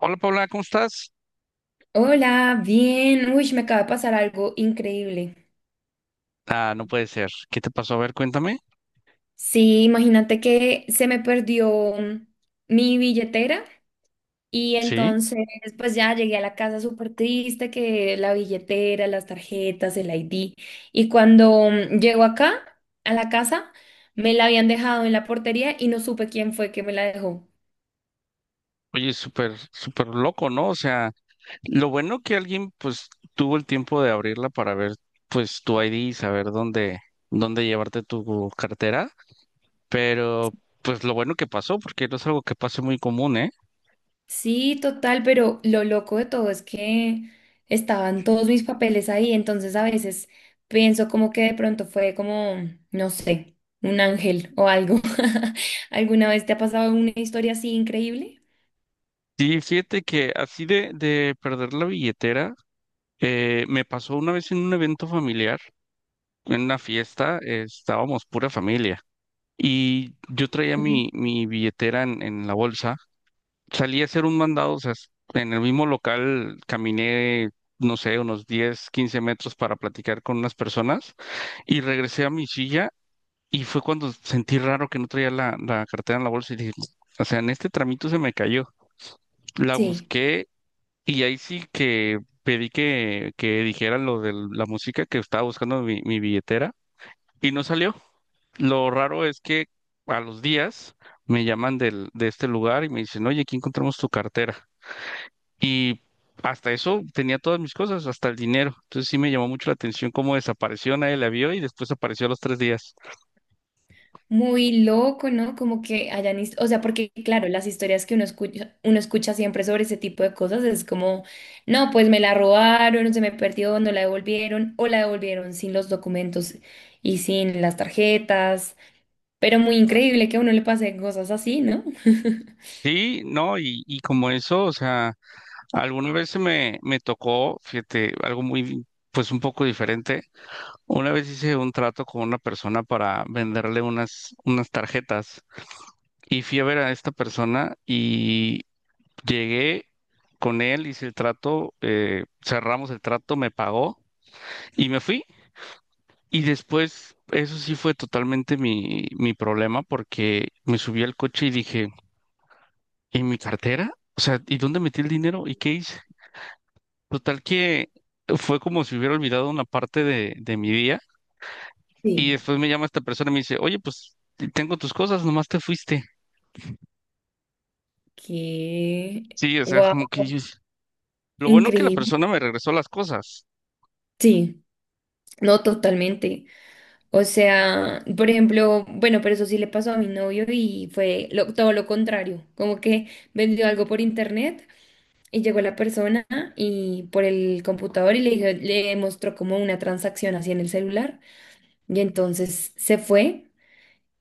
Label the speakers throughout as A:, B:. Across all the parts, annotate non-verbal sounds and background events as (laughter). A: Hola Paula, ¿cómo estás?
B: Hola, bien. Uy, me acaba de pasar algo increíble.
A: Ah, no puede ser. ¿Qué te pasó? A ver, cuéntame.
B: Sí, imagínate que se me perdió mi billetera. Y
A: Sí.
B: entonces pues ya llegué a la casa súper triste que la billetera, las tarjetas, el ID. Y cuando llego acá a la casa, me la habían dejado en la portería y no supe quién fue que me la dejó.
A: Oye, súper loco, ¿no? O sea, lo bueno que alguien pues tuvo el tiempo de abrirla para ver pues tu ID y saber dónde llevarte tu cartera, pero pues lo bueno que pasó, porque no es algo que pase muy común, ¿eh?
B: Sí, total, pero lo loco de todo es que estaban todos mis papeles ahí, entonces a veces pienso como que de pronto fue como, no sé, un ángel o algo. (laughs) ¿Alguna vez te ha pasado una historia así increíble?
A: Sí, fíjate que así de perder la billetera, me pasó una vez en un evento familiar, en una fiesta, estábamos pura familia. Y yo traía
B: Ujú.
A: mi billetera en la bolsa. Salí a hacer un mandado, o sea, en el mismo local caminé, no sé, unos 10 15 metros para platicar con unas personas y regresé a mi silla y fue cuando sentí raro que no traía la cartera en la bolsa y dije, o sea, en este tramito se me cayó. La
B: Sí.
A: busqué y ahí sí que pedí que dijera lo de la música que estaba buscando mi billetera y no salió. Lo raro es que a los días me llaman de este lugar y me dicen, oye, aquí encontramos tu cartera. Y hasta eso tenía todas mis cosas, hasta el dinero. Entonces sí me llamó mucho la atención cómo desapareció, nadie la vio y después apareció a los tres días.
B: Muy loco, ¿no? Como que hayan, o sea, porque claro, las historias que uno escucha siempre sobre ese tipo de cosas es como, no, pues me la robaron, se me perdió, no la devolvieron, o la devolvieron sin los documentos y sin las tarjetas, pero muy increíble que a uno le pase cosas así, ¿no?
A: Sí, no, y como eso, o sea, alguna vez me tocó, fíjate, algo pues un poco diferente. Una vez hice un trato con una persona para venderle unas tarjetas y fui a ver a esta persona y llegué con él, hice el trato, cerramos el trato, me pagó y me fui. Y después, eso sí fue totalmente mi problema porque me subí al coche y dije, ¿y mi cartera? O sea, ¿y dónde metí el dinero? ¿Y qué hice? Total que fue como si hubiera olvidado una parte de mi día. Y
B: Sí. (laughs)
A: después me llama esta persona y me dice, oye, pues tengo tus cosas, nomás te fuiste.
B: Que,
A: Sí, o sea, es como que
B: wow,
A: lo bueno que la
B: increíble.
A: persona me regresó las cosas.
B: Sí. No, totalmente. O sea, por ejemplo, bueno, pero eso sí le pasó a mi novio y fue todo lo contrario, como que vendió algo por internet y llegó la persona y por el computador y le mostró como una transacción así en el celular y entonces se fue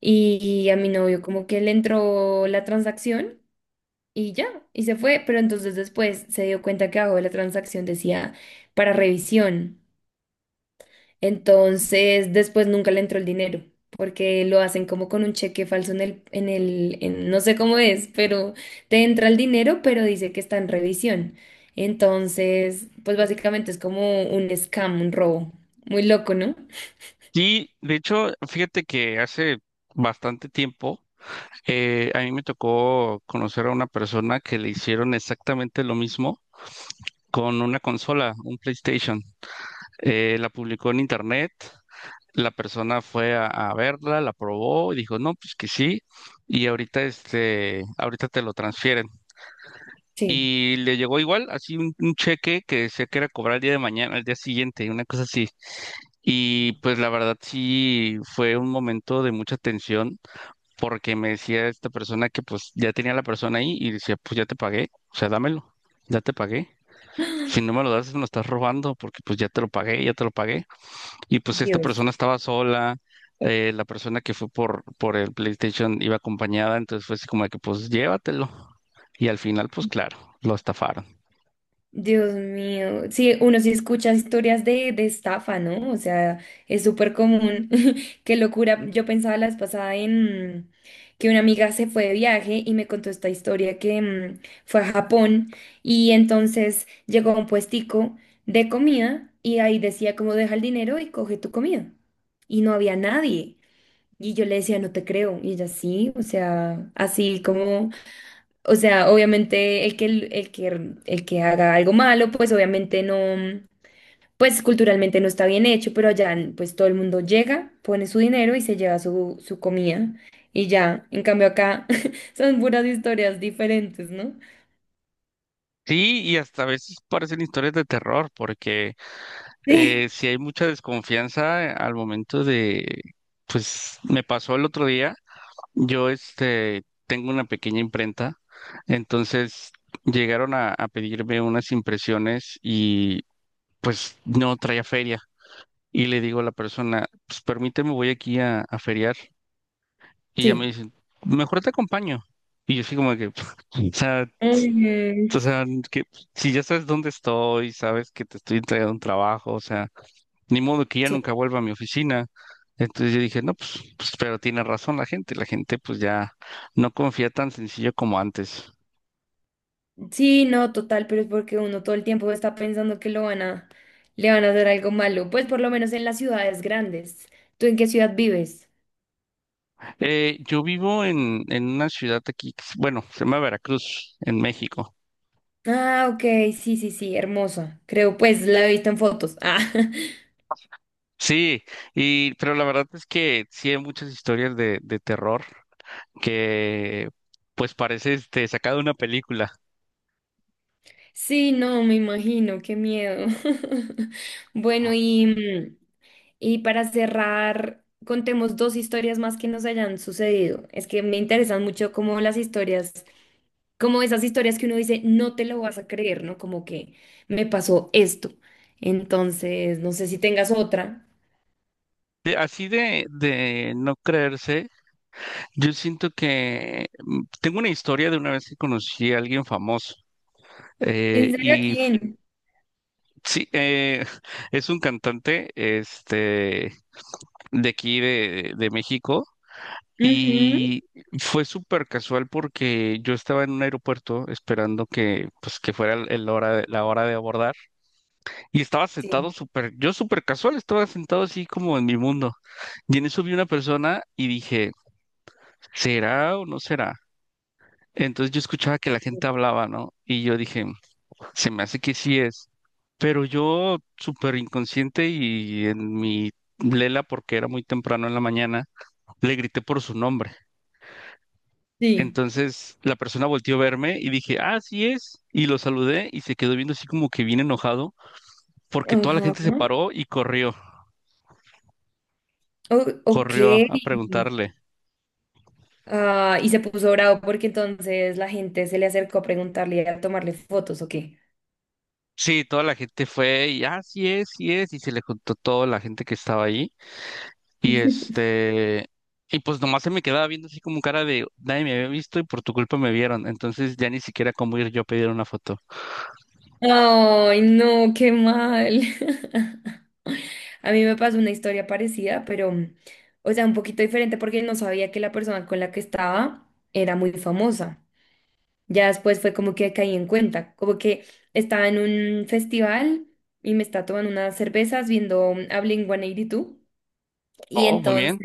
B: y a mi novio como que le entró la transacción y ya, y se fue, pero entonces después se dio cuenta que abajo de la transacción decía para revisión. Entonces, después nunca le entró el dinero, porque lo hacen como con un cheque falso no sé cómo es, pero te entra el dinero, pero dice que está en revisión. Entonces, pues básicamente es como un scam, un robo. Muy loco, ¿no?
A: Sí, de hecho, fíjate que hace bastante tiempo a mí me tocó conocer a una persona que le hicieron exactamente lo mismo con una consola, un PlayStation. La publicó en internet, la persona fue a verla, la probó y dijo, no, pues que sí, y ahorita este, ahorita te lo transfieren.
B: Sí,
A: Y le llegó igual, así un cheque que sé que era cobrar el día de mañana, el día siguiente, una cosa así. Y pues la verdad sí fue un momento de mucha tensión porque me decía esta persona que pues ya tenía la persona ahí y decía, pues ya te pagué, o sea, dámelo, ya te pagué. Si no me lo das, me lo estás robando porque pues ya te lo pagué, ya te lo pagué. Y pues esta
B: Dios.
A: persona estaba sola, la persona que fue por el PlayStation iba acompañada, entonces fue así como de que pues llévatelo. Y al final pues claro, lo estafaron.
B: Dios mío, sí, uno sí escucha historias de estafa, ¿no? O sea, es súper común. (laughs) Qué locura. Yo pensaba la vez pasada en que una amiga se fue de viaje y me contó esta historia que fue a Japón y entonces llegó a un puestico de comida y ahí decía como deja el dinero y coge tu comida. Y no había nadie. Y yo le decía, no te creo. Y ella sí, o sea, así como o sea, obviamente el que haga algo malo, pues obviamente no, pues culturalmente no está bien hecho, pero allá pues todo el mundo llega, pone su dinero y se lleva su comida y ya. En cambio acá (laughs) son puras historias diferentes, ¿no?
A: Sí, y hasta a veces parecen historias de terror, porque si
B: (laughs)
A: hay mucha desconfianza al momento de, pues me pasó el otro día, yo este tengo una pequeña imprenta, entonces llegaron a pedirme unas impresiones y pues no traía feria. Y le digo a la persona, pues permíteme, voy aquí a feriar. Y
B: Sí.
A: ella me
B: Sí.
A: dice, mejor te acompaño. Y yo así como que, (laughs) sea,
B: Mm,
A: o sea, que si ya sabes dónde estoy, sabes que te estoy entregando un trabajo, o sea, ni modo que ya
B: sí.
A: nunca vuelva a mi oficina. Entonces yo dije, no, pues, pero tiene razón la gente pues ya no confía tan sencillo como antes.
B: Sí, no, total, pero es porque uno todo el tiempo está pensando que lo van a, le van a hacer algo malo, pues por lo menos en las ciudades grandes. ¿Tú en qué ciudad vives?
A: Yo vivo en una ciudad aquí, bueno, se llama Veracruz, en México.
B: Ah, ok, sí, sí, sí, hermosa. Creo, pues la he visto en fotos. Ah, (laughs)
A: Sí, y, pero la verdad es que sí hay muchas historias de terror que pues parece este, sacada de una película.
B: sí, no, me imagino, qué miedo. (laughs) Bueno, y, y para cerrar, contemos dos historias más que nos hayan sucedido. Es que me interesan mucho como las historias, como esas historias que uno dice, no te lo vas a creer, ¿no? Como que me pasó esto. Entonces, no sé si tengas otra.
A: Así de no creerse. Yo siento que tengo una historia de una vez que conocí a alguien famoso. eh,
B: ¿En serio
A: y f-
B: quién?
A: sí, (laughs) es un cantante este, de aquí de México.
B: Ujú.
A: Y fue súper casual porque yo estaba en un aeropuerto esperando que, pues, que fuera la hora de abordar. Y estaba
B: Sí.
A: sentado súper, yo súper casual, estaba sentado así como en mi mundo. Y en eso vi una persona y dije, ¿será o no será? Entonces yo escuchaba que la gente hablaba, ¿no? Y yo dije, se me hace que sí es. Pero yo, súper inconsciente y en mi lela, porque era muy temprano en la mañana, le grité por su nombre.
B: Sí.
A: Entonces la persona volteó a verme y dije, ah, sí es. Y lo saludé y se quedó viendo así como que bien enojado, porque toda la
B: Ajá.
A: gente se paró y corrió,
B: Ok.
A: corrió a preguntarle.
B: Ah, y se puso bravo porque entonces la gente se le acercó a preguntarle y a tomarle fotos, ¿o qué?
A: Sí, toda la gente fue y, ah, sí es, sí es. Y se le contó toda la gente que estaba ahí. Y
B: (laughs)
A: este, y pues nomás se me quedaba viendo así como cara de nadie me había visto y por tu culpa me vieron. Entonces ya ni siquiera cómo ir yo a pedir una foto.
B: Ay, no, qué mal. (laughs) A mí me pasó una historia parecida, pero, o sea, un poquito diferente porque no sabía que la persona con la que estaba era muy famosa. Ya después fue como que caí en cuenta, como que estaba en un festival y me está tomando unas cervezas viendo a Blink-182. Y dos. Y
A: Oh, muy
B: entonces
A: bien.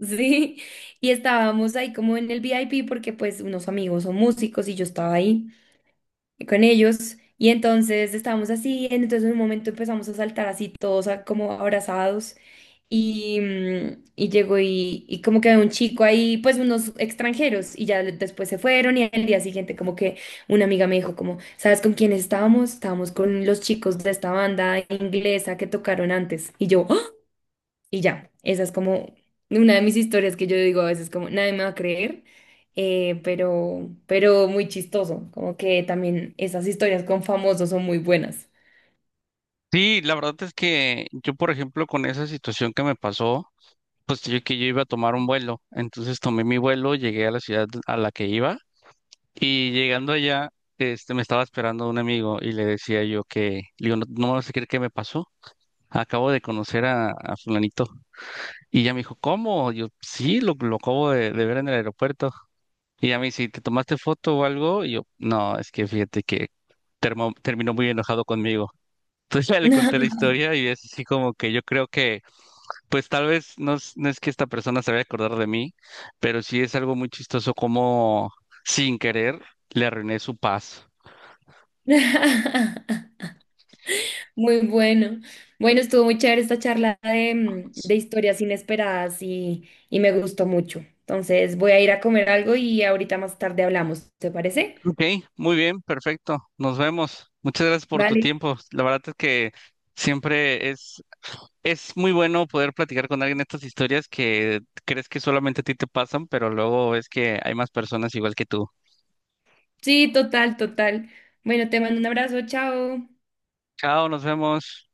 B: sí, y estábamos ahí como en el VIP porque pues unos amigos son músicos y yo estaba ahí con ellos y entonces estábamos así, entonces en un momento empezamos a saltar así todos como abrazados y, y llegó y como que había un chico ahí, pues unos extranjeros y ya después se fueron y al día siguiente como que una amiga me dijo como, ¿sabes con quién estábamos? Estábamos con los chicos de esta banda inglesa que tocaron antes y yo... Y ya, esa es como una de mis historias que yo digo a veces como nadie me va a creer, pero muy chistoso, como que también esas historias con famosos son muy buenas.
A: Sí, la verdad es que yo, por ejemplo, con esa situación que me pasó, pues yo iba a tomar un vuelo. Entonces tomé mi vuelo, llegué a la ciudad a la que iba y llegando allá, este, me estaba esperando un amigo y le decía yo que, le digo, no, no me vas a creer qué me pasó. Acabo de conocer a fulanito. Y ya me dijo, ¿cómo? Yo, sí, lo acabo de ver en el aeropuerto. Y ya me dice, ¿te tomaste foto o algo? Y yo, no, es que fíjate que terminó muy enojado conmigo. (laughs) Entonces ya le conté la historia y es así como que yo creo que, pues tal vez no es que esta persona se vaya a acordar de mí, pero sí es algo muy chistoso como sin querer le arruiné su paz.
B: (laughs) Muy bueno. Bueno, estuvo muy chévere esta charla de, de historias inesperadas y me gustó mucho. Entonces voy a ir a comer algo y ahorita más tarde hablamos, ¿te parece?
A: Ok, muy bien, perfecto. Nos vemos. Muchas gracias por tu
B: Vale.
A: tiempo. La verdad es que siempre es muy bueno poder platicar con alguien estas historias que crees que solamente a ti te pasan, pero luego ves que hay más personas igual que tú.
B: Sí, total, total. Bueno, te mando un abrazo, chao.
A: Chao, nos vemos.